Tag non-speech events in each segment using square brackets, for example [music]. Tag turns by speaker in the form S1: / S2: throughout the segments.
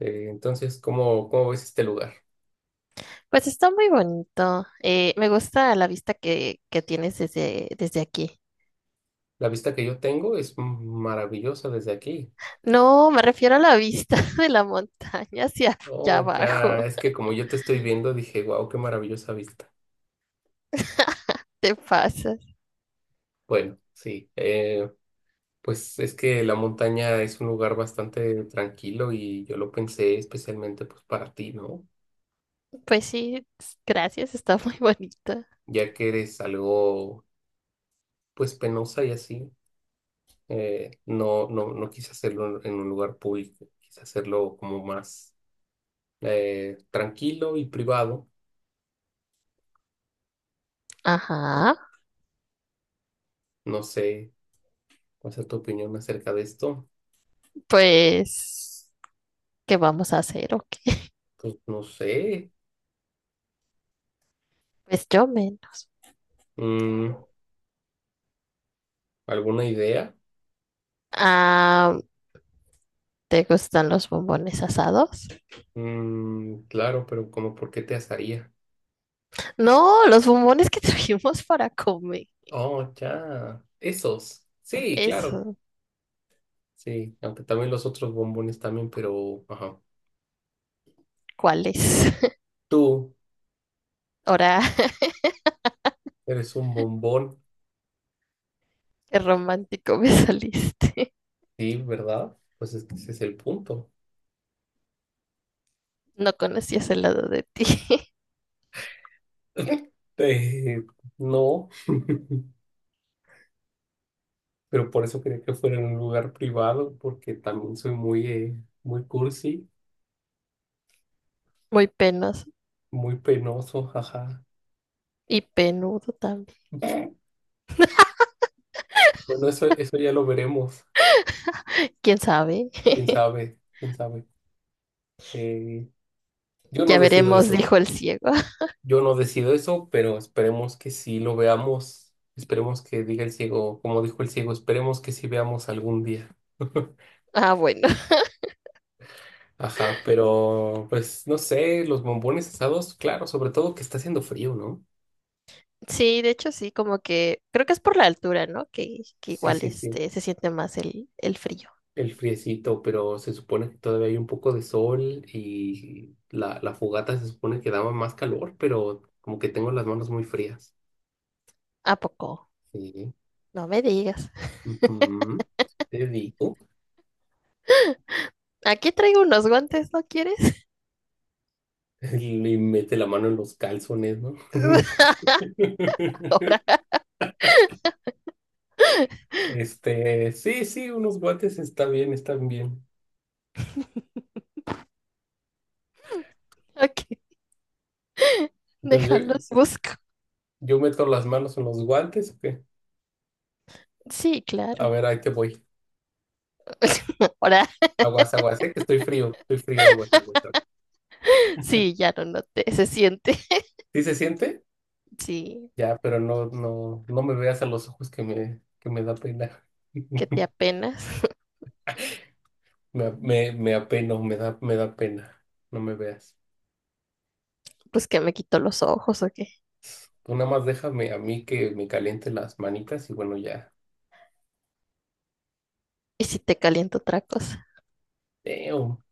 S1: Entonces, ¿cómo ves este lugar?
S2: Pues está muy bonito. Me gusta la vista que tienes desde aquí.
S1: La vista que yo tengo es maravillosa desde aquí.
S2: No, me refiero a la vista [laughs] de la montaña hacia allá
S1: Oh, ya,
S2: abajo.
S1: es que como yo te estoy viendo, dije, wow, qué maravillosa vista.
S2: [laughs] Te pasas.
S1: Bueno, sí, pues es que la montaña es un lugar bastante tranquilo y yo lo pensé especialmente pues para ti, ¿no?
S2: Pues sí, gracias, está muy bonito.
S1: Ya que eres algo pues penosa y así, no quise hacerlo en un lugar público, quise hacerlo como más tranquilo y privado.
S2: Ajá,
S1: No sé. ¿Cuál es tu opinión acerca de esto?
S2: pues, ¿qué vamos a hacer o qué? [laughs]
S1: Pues no sé.
S2: Pues yo menos.
S1: Mm, ¿Alguna idea?
S2: Ah, ¿te gustan los bombones asados?
S1: Mm, claro, pero como por qué te asaría?
S2: No, los bombones que [laughs] trajimos para comer.
S1: Oh, ya. Esos. Sí, claro.
S2: Eso,
S1: Sí, aunque también los otros bombones también, pero ajá.
S2: ¿cuáles? [laughs]
S1: Tú
S2: Ahora.
S1: eres un bombón.
S2: Qué romántico me saliste. [laughs]
S1: Sí, ¿verdad? Pues es que ese es el punto.
S2: No conocías el lado de ti. [laughs]
S1: Eh, no, [laughs] pero por eso quería que fuera en un lugar privado, porque también soy muy, muy cursi,
S2: Muy penoso
S1: muy penoso, ajá.
S2: y penudo también.
S1: [laughs] Bueno, eso ya lo veremos.
S2: ¿Quién sabe?
S1: Quién
S2: [laughs]
S1: sabe, quién sabe. Eh, yo no
S2: Ya
S1: decido
S2: veremos,
S1: eso.
S2: dijo el ciego. [laughs]
S1: Yo no decido eso, pero esperemos que sí lo veamos. Esperemos que diga el ciego, como dijo el ciego, esperemos que sí veamos algún día. [laughs]
S2: Ah, bueno.
S1: Ajá, pero pues no sé, los bombones asados, claro, sobre todo que está haciendo frío, ¿no?
S2: Sí, de hecho sí, como que creo que es por la altura, ¿no? Que
S1: Sí,
S2: igual
S1: sí, sí,
S2: este se siente más el frío.
S1: el friecito, pero se supone que todavía hay un poco de sol y la fogata se supone que daba más calor, pero como que tengo las manos muy frías.
S2: ¿A poco?
S1: Sí.
S2: No me digas.
S1: Ujú. Te digo,
S2: [gasps] [laughs] Aquí traigo unos guantes, ¿no quieres?
S1: [laughs] le mete la mano en los calzones, ¿no?
S2: [laughs] Ahora.
S1: [laughs] Este, sí, sí, unos guantes está bien, están bien.
S2: Ok.
S1: Entonces yo,
S2: Déjalos, busco.
S1: yo meto las manos en los guantes, ¿o qué?
S2: Sí,
S1: A
S2: claro.
S1: ver, ahí te voy.
S2: [laughs] Ahora
S1: Aguas, aguas, que estoy frío, aguas, aguas, aguas.
S2: sí, ya lo noté, se siente.
S1: ¿Sí se siente?
S2: Sí,
S1: Ya, pero no me veas a los ojos que me da pena.
S2: que te
S1: [laughs]
S2: apenas, [laughs]
S1: Me apeno, me da pena. No me veas.
S2: pues que me quito los ojos o qué.
S1: Tú nada más déjame a mí que me caliente las manitas y bueno, ya.
S2: Y si te caliento otra cosa,
S1: Damn,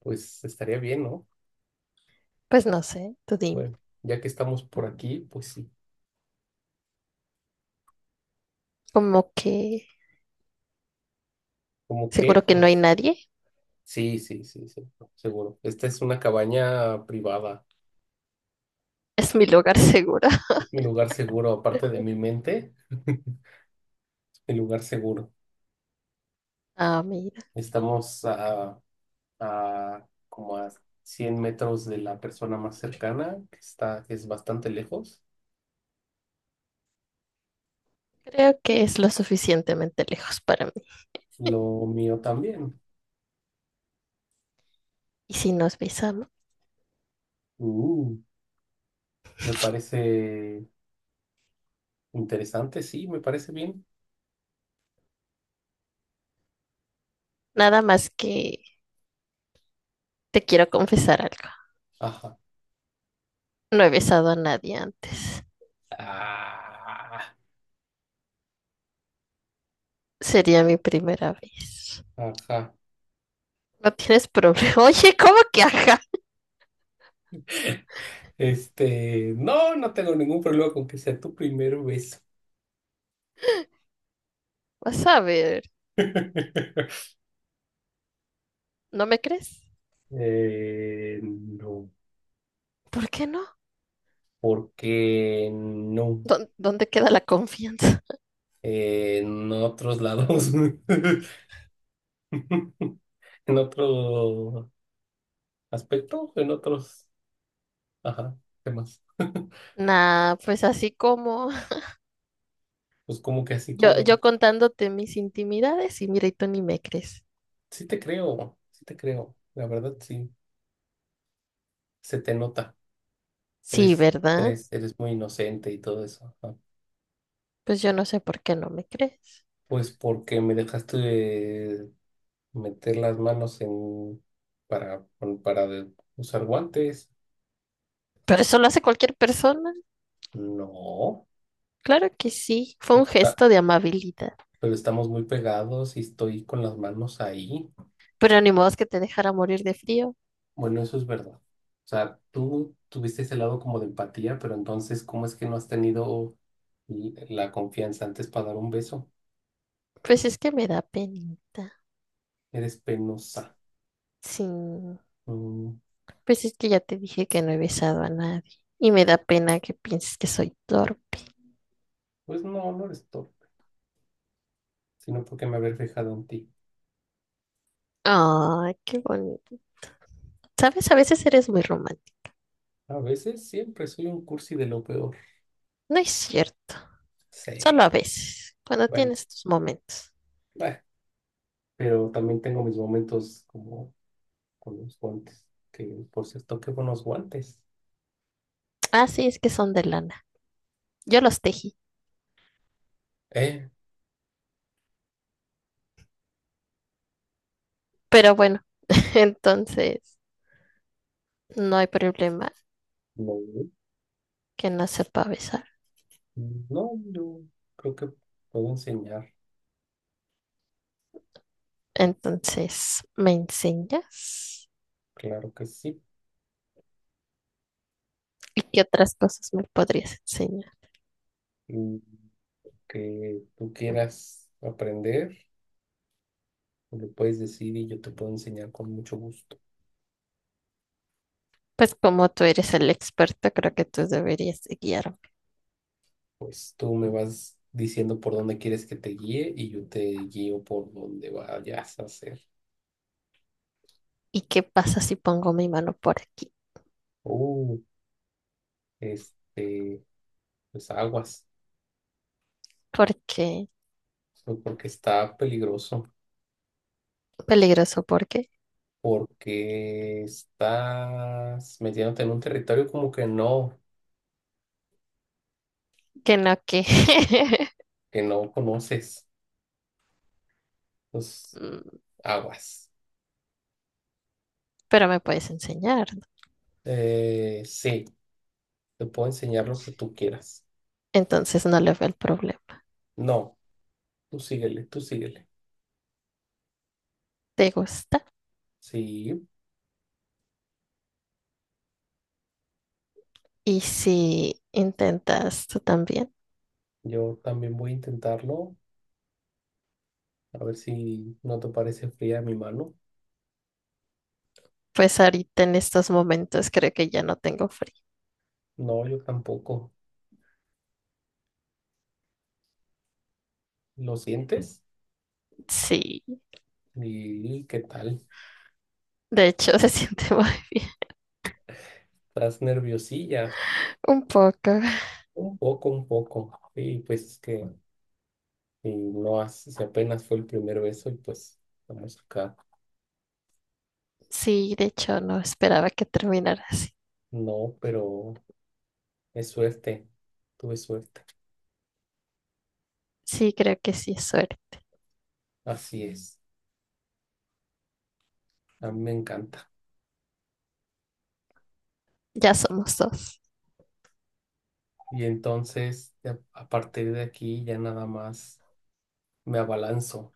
S1: pues estaría bien, ¿no?
S2: pues no sé, tú dime.
S1: Bueno, ya que estamos por aquí, pues sí.
S2: Como que
S1: ¿Cómo qué?
S2: seguro que no hay
S1: Pues
S2: nadie,
S1: sí, sí, sí, sí, seguro. Esta es una cabaña privada.
S2: [laughs] es mi lugar [laughs] seguro.
S1: Es mi lugar seguro, aparte de mi mente, [laughs] es mi lugar seguro.
S2: Ah, mira,
S1: Estamos a como a 100 metros de la persona más cercana, que está, que es bastante lejos.
S2: creo que es lo suficientemente lejos para mí.
S1: Lo mío también.
S2: Y si nos besamos,
S1: Uh, me parece interesante, sí, me parece bien.
S2: nada más que te quiero confesar algo.
S1: Ajá.
S2: No he besado a nadie antes.
S1: Ah.
S2: Sería mi primera vez.
S1: Ajá.
S2: No tienes problema. [laughs] Oye, ¿cómo que ajá?
S1: Este, no, no tengo ningún problema con que sea tu primer beso.
S2: Vas a ver,
S1: [laughs]
S2: ¿no me crees?
S1: Eh, no,
S2: ¿Por qué no?
S1: porque no.
S2: ¿Dó- ¿Dónde queda la confianza?
S1: En otros lados, [laughs] en otro aspecto, en otros, ajá, temas. [laughs]
S2: Nah, pues así como [laughs]
S1: Pues como que así
S2: yo,
S1: como,
S2: yo contándote mis intimidades y mira, y tú ni me crees.
S1: sí te creo, la verdad sí, se te nota,
S2: Sí,
S1: eres,
S2: ¿verdad?
S1: eres muy inocente y todo eso. Ajá.
S2: Pues yo no sé por qué no me crees.
S1: Pues porque me dejaste meter las manos en para, pon- para de- usar guantes.
S2: Pero eso lo hace cualquier persona.
S1: No,
S2: Claro que sí, fue un
S1: porque está,
S2: gesto de amabilidad.
S1: pero estamos muy pegados y estoy con las manos ahí.
S2: Pero ni modo es que te dejara morir de frío.
S1: Bueno, eso es verdad. O sea, tú tuviste ese lado como de empatía, pero entonces, ¿cómo es que no has tenido l- la confianza antes para dar un beso?
S2: Pues es que me da penita.
S1: Eres penosa.
S2: Sí,
S1: Mm,
S2: pues es que ya te dije que no he besado a nadie. Y me da pena que pienses que soy torpe.
S1: pues no, no eres torpe, sino porque me haber fijado en ti.
S2: Ay, qué bonito. Sabes, a veces eres muy romántico.
S1: A veces siempre soy un cursi de lo peor.
S2: No es cierto.
S1: Sí.
S2: Solo a veces, cuando
S1: Bueno,
S2: tienes tus momentos.
S1: bah, pero también tengo mis momentos como con los guantes, que por cierto, qué buenos guantes.
S2: Ah, sí, es que son de lana. Yo los tejí,
S1: Eh,
S2: pero bueno, [laughs] entonces no hay problema
S1: no,
S2: que no sepa besar.
S1: no, yo creo que puedo enseñar,
S2: Entonces, ¿me enseñas?
S1: claro que sí.
S2: ¿Y qué otras cosas me podrías enseñar?
S1: Mm, que tú quieras aprender, me lo puedes decir y yo te puedo enseñar con mucho gusto.
S2: Pues como tú eres el experto, creo que tú deberías de guiarme.
S1: Pues tú me vas diciendo por dónde quieres que te guíe y yo te guío por dónde vayas a hacer.
S2: ¿Y qué pasa si pongo mi mano por aquí?
S1: Uh, este, pues aguas,
S2: Porque
S1: pues, porque está peligroso.
S2: peligroso, porque
S1: Porque estás metiéndote en un territorio como
S2: que no que. [laughs]
S1: que no conoces los aguas.
S2: Pero me puedes enseñar, ¿no?
S1: Sí, te puedo enseñar lo que tú quieras.
S2: Entonces no le veo el problema.
S1: No, tú síguele, tú síguele.
S2: Te gusta
S1: Sí,
S2: y si intentas tú también.
S1: yo también voy a intentarlo, a ver si no te parece fría mi mano.
S2: Pues ahorita en estos momentos creo que ya no tengo frío.
S1: No, yo tampoco. ¿Lo sientes?
S2: Sí,
S1: ¿Y qué tal?
S2: de hecho [laughs] se siente muy bien.
S1: ¿Estás nerviosilla?
S2: Un poco.
S1: Un poco, un poco. Y pues es que y no hace, si apenas fue el primer beso y pues estamos acá.
S2: Sí, de hecho no esperaba que terminara así.
S1: No, pero es suerte, tuve suerte.
S2: Sí, creo que sí es suerte.
S1: Así es, a mí me encanta.
S2: Ya somos dos.
S1: Y entonces, a partir de aquí ya nada más me abalanzo.